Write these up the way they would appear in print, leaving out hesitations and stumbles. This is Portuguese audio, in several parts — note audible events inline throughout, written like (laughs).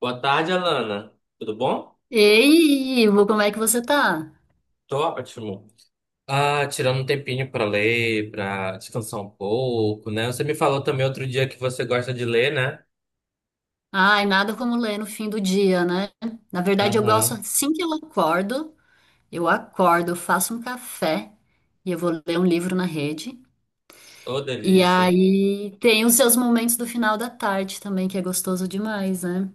Boa tarde, Alana. Tudo bom? Ei, Ivo, como é que você tá? Tô ótimo. Ah, tirando um tempinho pra ler, pra descansar um pouco, né? Você me falou também outro dia que você gosta de ler, né? Ai, nada como ler no fim do dia, né? Na verdade, eu gosto Aham. assim que eu acordo, eu acordo, eu faço um café e eu vou ler um livro na rede. Ô, E delícia. aí tem os seus momentos do final da tarde também, que é gostoso demais, né?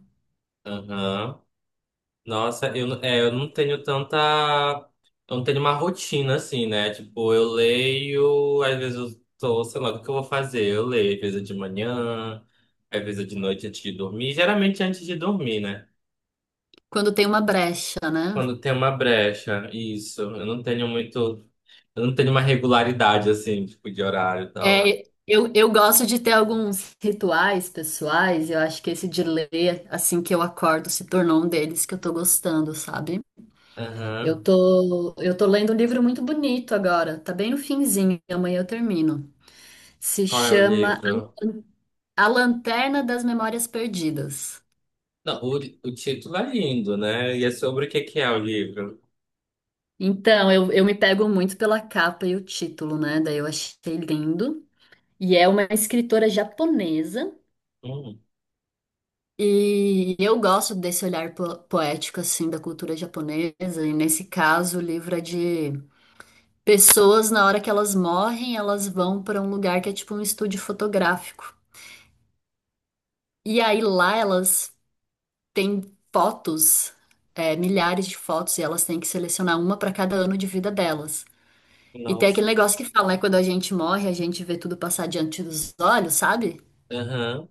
Aham. Nossa, eu, não- é, eu não tenho tanta. Eu não tenho uma rotina assim, né? Tipo, eu leio, às vezes eu tô, sei lá, o que eu vou fazer? Eu leio, às vezes é de manhã, às vezes é de noite antes de dormir. Geralmente é antes de dormir, né? Quando tem uma brecha, né? Quando tem uma brecha, isso. Eu não tenho muito. Eu não tenho uma regularidade, assim, tipo, de horário e tal. É, eu gosto de ter alguns rituais pessoais, eu acho que esse de ler assim que eu acordo se tornou um deles que eu tô gostando, sabe? Eu Aham. tô, eu tô lendo um livro muito bonito agora, tá bem no finzinho, amanhã eu termino. Se Qual é o chama livro? A Lanterna das Memórias Perdidas. Não, o título é lindo, né? E é sobre o que que é o livro? Então, eu me pego muito pela capa e o título, né? Daí eu achei lindo. E é uma escritora japonesa. Hum, E eu gosto desse olhar poético, assim, da cultura japonesa. E nesse caso, o livro é de pessoas, na hora que elas morrem, elas vão para um lugar que é tipo um estúdio fotográfico. E aí lá elas têm fotos, é, milhares de fotos, e elas têm que selecionar uma para cada ano de vida delas. E tem aquele nossa. negócio que fala, né? Quando a gente morre, a gente vê tudo passar diante dos olhos, sabe? Aham.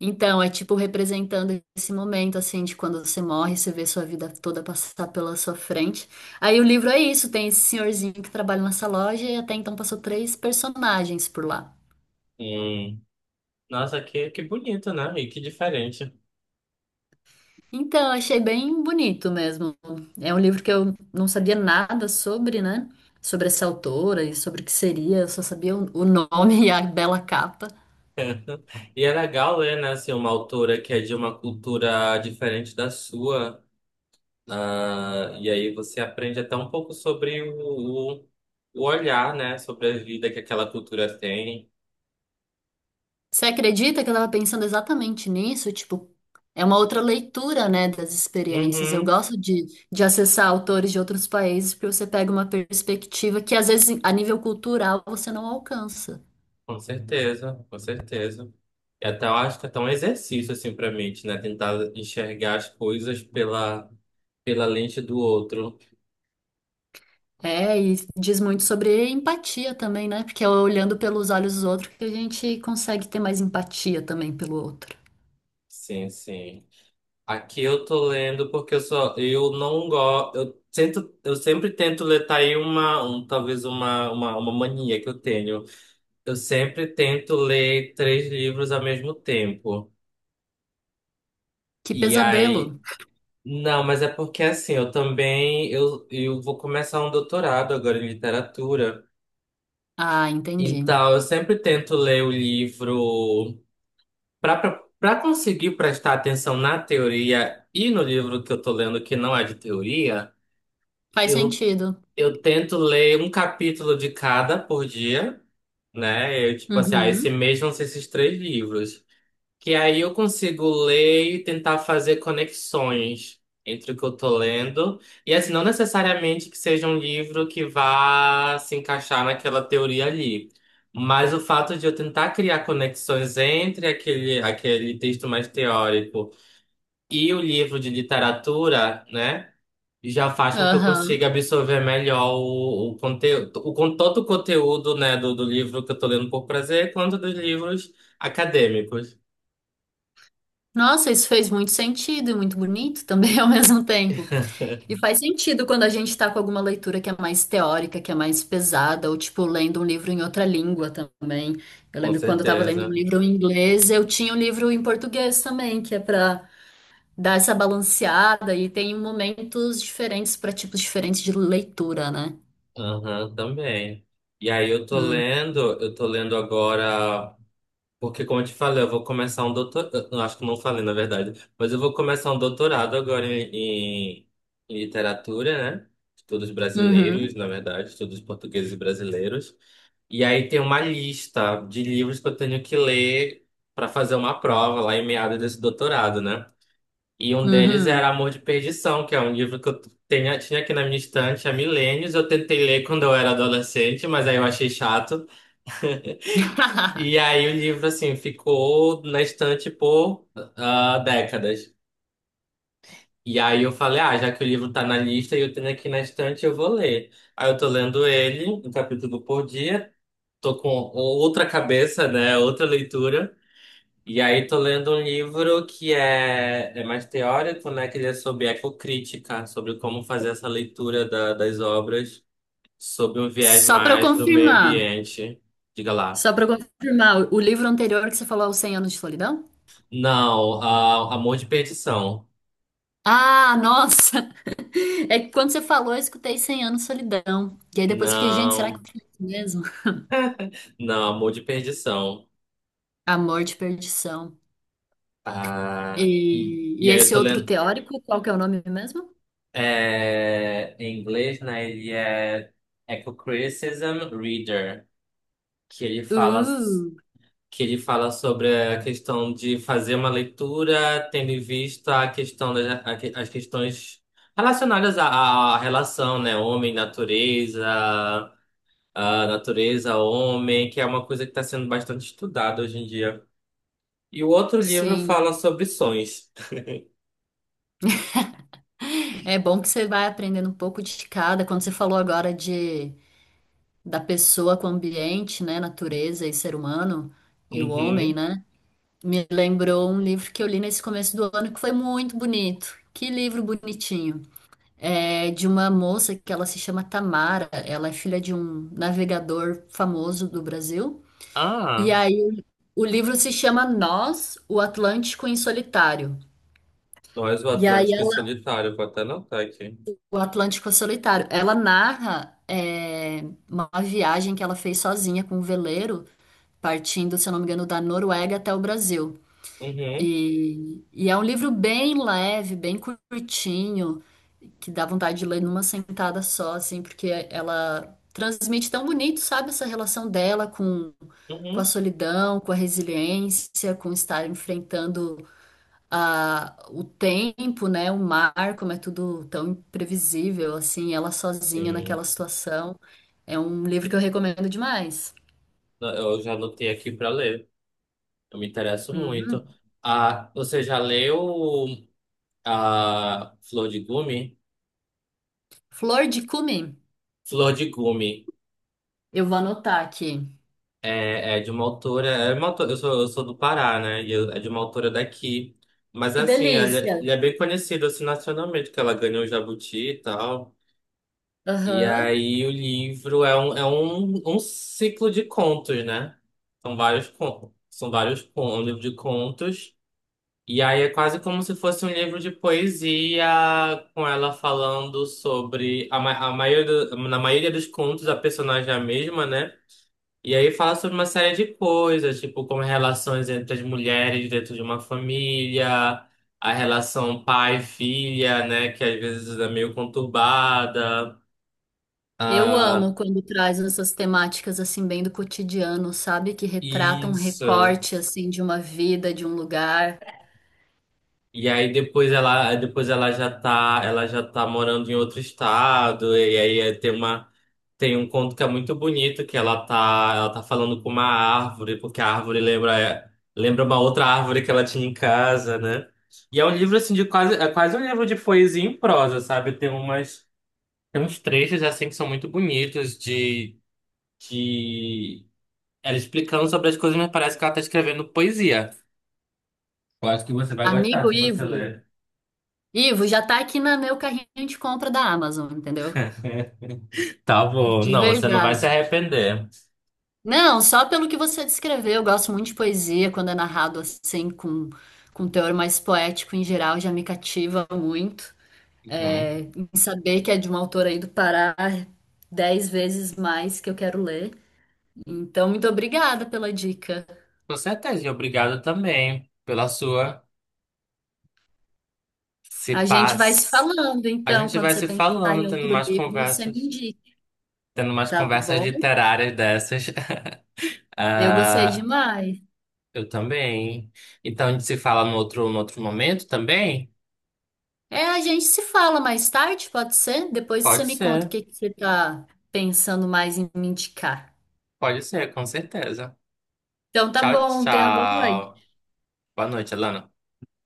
Então, é tipo representando esse momento, assim, de quando você morre, você vê sua vida toda passar pela sua frente. Aí o livro é isso, tem esse senhorzinho que trabalha nessa loja e até então passou três personagens por lá. Hum. Nossa, que bonito, né? E que diferente. Então, achei bem bonito mesmo. É um livro que eu não sabia nada sobre, né? Sobre essa autora e sobre o que seria. Eu só sabia o nome (laughs) e a bela capa. E é legal ler, né, assim, uma autora que é de uma cultura diferente da sua. Ah, e aí você aprende até um pouco sobre o olhar, né? Sobre a vida que aquela cultura tem. Você acredita que eu tava pensando exatamente nisso? Tipo, é uma outra leitura, né, das experiências. Eu Uhum, gosto de acessar autores de outros países porque você pega uma perspectiva que, às vezes, a nível cultural, você não alcança. com certeza, com certeza. E até eu acho que é até um exercício, assim, pra mente, né? Tentar enxergar as coisas pela, pela lente do outro. É, e diz muito sobre empatia também, né? Porque é olhando pelos olhos dos outros que a gente consegue ter mais empatia também pelo outro. Sim, sim. Aqui eu tô lendo porque eu não gosto, eu tento, eu sempre tento ler tá aí uma, um, talvez uma mania que eu tenho. Eu sempre tento ler três livros ao mesmo tempo. Que E aí. pesadelo. Não, mas é porque assim, eu também. Eu vou começar um doutorado agora em literatura. Ah, entendi. Então, eu sempre tento ler o livro para conseguir prestar atenção na teoria e no livro que eu tô lendo, que não é de teoria. Faz Eu, sentido. eu tento ler um capítulo de cada por dia, né? Eu, tipo assim, ah, esse Uhum. mês vão ser esses três livros. Que aí eu consigo ler e tentar fazer conexões entre o que eu tô lendo. E assim, não necessariamente que seja um livro que vá se encaixar naquela teoria ali. Mas o fato de eu tentar criar conexões entre aquele texto mais teórico e o livro de literatura, né? Já faz com que eu consiga Aham. absorver melhor o conteúdo, todo o conteúdo, né, do livro que eu tô lendo por prazer, quanto dos livros acadêmicos. Nossa, isso fez muito sentido e muito bonito também (laughs) ao mesmo tempo. (laughs) E faz sentido quando a gente tá com alguma leitura que é mais teórica, que é mais pesada, ou tipo lendo um livro em outra língua também. Eu Com lembro quando eu tava lendo um certeza. livro em inglês, eu tinha um livro em português também, que é pra dar essa balanceada e tem momentos diferentes para tipos diferentes de leitura, né? Aham, também. E aí Hum. Eu tô lendo agora, porque como eu te falei, eu vou começar um doutorado, não acho que não falei na verdade, mas eu vou começar um doutorado agora em, em literatura, né? Estudos brasileiros, Uhum, na verdade, estudos portugueses e brasileiros. E aí tem uma lista de livros que eu tenho que ler para fazer uma prova lá em meados desse doutorado, né? E um deles uhum. era Amor de Perdição, que é um livro que eu tinha aqui na minha estante há milênios. Eu tentei ler quando eu era adolescente, mas aí eu achei chato. E (laughs) aí o livro, assim, ficou na estante por ah, décadas. E aí eu falei, ah, já que o livro tá na lista e eu tenho aqui na estante, eu vou ler. Aí eu tô lendo ele, um capítulo por dia. Tô com outra cabeça, né? Outra leitura. E aí tô lendo um livro que é mais teórico, né? Que ele é sobre ecocrítica, sobre como fazer essa leitura das obras sob um viés Só para eu mais do meio confirmar, ambiente. Diga lá. só para eu confirmar, o livro anterior que você falou, é o Cem Anos de Solidão? Não, a Amor de Perdição. Ah, nossa! (laughs) É que quando você falou, eu escutei Cem Anos de Solidão. E aí depois eu fiquei, gente, será que Não, foi isso mesmo? não, Amor de Perdição. Amor de Perdição. Ah, e, E e aí eu esse tô outro lendo teórico, qual que é o nome mesmo? é, em inglês, né? Ele é Eco-Criticism Reader, que ele fala Uh, que ele fala sobre a questão de fazer uma leitura tendo em vista a questão as questões relacionadas à relação, né? Homem-natureza, a natureza-homem, que é uma coisa que está sendo bastante estudada hoje em dia. E o outro livro fala sim. sobre sonhos. É bom que você vai aprendendo um pouco de cada. Quando você falou agora de da pessoa com o ambiente, né, natureza e ser humano e o homem, Uhum. né? Me lembrou um livro que eu li nesse começo do ano que foi muito bonito. Que livro bonitinho. É de uma moça que ela se chama Tamara. Ela é filha de um navegador famoso do Brasil. E Ah, aí o livro se chama Nós, o Atlântico em Solitário. Nós, o E aí Atlântico e Solitário, vou até anotar aqui. O Atlântico é Solitário. Ela narra é, uma viagem que ela fez sozinha com um veleiro, partindo, se eu não me engano, da Noruega até o Brasil. Uhum, E é um livro bem leve, bem curtinho, que dá vontade de ler numa sentada só, assim, porque ela transmite tão bonito, sabe, essa relação dela com a uhum. solidão, com a resiliência, com estar enfrentando o tempo, né, o mar, como é tudo tão imprevisível, assim, ela sozinha Sim, naquela situação. É um livro que eu recomendo demais. eu já anotei aqui para ler. Eu me interesso Uhum. muito. Ah, você já leu a Flor de Gume? Flor de Cumim, Flor de Gume eu vou anotar aqui. é, é de uma autora. É uma autora eu sou do Pará, né? É de uma autora daqui. Mas Que assim, ela, delícia! Ele é bem conhecido assim, nacionalmente, que ela ganhou o Jabuti e tal. E Aham. aí o livro é um ciclo de contos, né? São vários contos. São vários contos, um livro de contos. E aí é quase como se fosse um livro de poesia, com ela falando sobre a maioria, na maioria dos contos a personagem é a mesma, né? E aí fala sobre uma série de coisas, tipo como relações entre as mulheres dentro de uma família, a relação pai-filha, né? Que às vezes é meio conturbada. Eu amo Ah, quando traz essas temáticas assim bem do cotidiano, sabe? Que retratam um isso. recorte assim de uma vida, de um lugar. E aí depois ela já tá morando em outro estado, e aí tem uma Tem um conto que é muito bonito, que ela tá falando com uma árvore, porque a árvore lembra uma outra árvore que ela tinha em casa, né? E é um livro assim de quase, é quase um livro de poesia em prosa, sabe? Tem umas, tem uns trechos assim que são muito bonitos de ela explicando sobre as coisas, mas parece que ela tá escrevendo poesia. Eu acho que você vai gostar Amigo se você Ivo, ler. Ivo já tá aqui na meu carrinho de compra da Amazon, entendeu? (laughs) Tá bom, De não, você não vai se verdade. arrepender. Não, só pelo que você descreveu, eu gosto muito de poesia, quando é narrado assim, com um teor mais poético em geral, já me cativa muito. Uhum. É, em saber que é de uma autora aí do Pará, 10 vezes mais que eu quero ler. Então, muito obrigada pela dica. Com certeza, e obrigado também pela sua se A gente vai se paz. falando, A então, gente quando vai você se pensar em falando, outro livro, você me indica, tendo mais tá conversas bom? literárias dessas. (laughs) Eu gostei Ah, demais. eu também. Então a gente se fala no outro, no outro momento também? É, a gente se fala mais tarde, pode ser? Depois você Pode me conta o ser, que que você tá pensando mais em me indicar. pode ser, com certeza. Então tá Tchau, bom, tenha uma boa noite. tchau. Boa noite, Alana.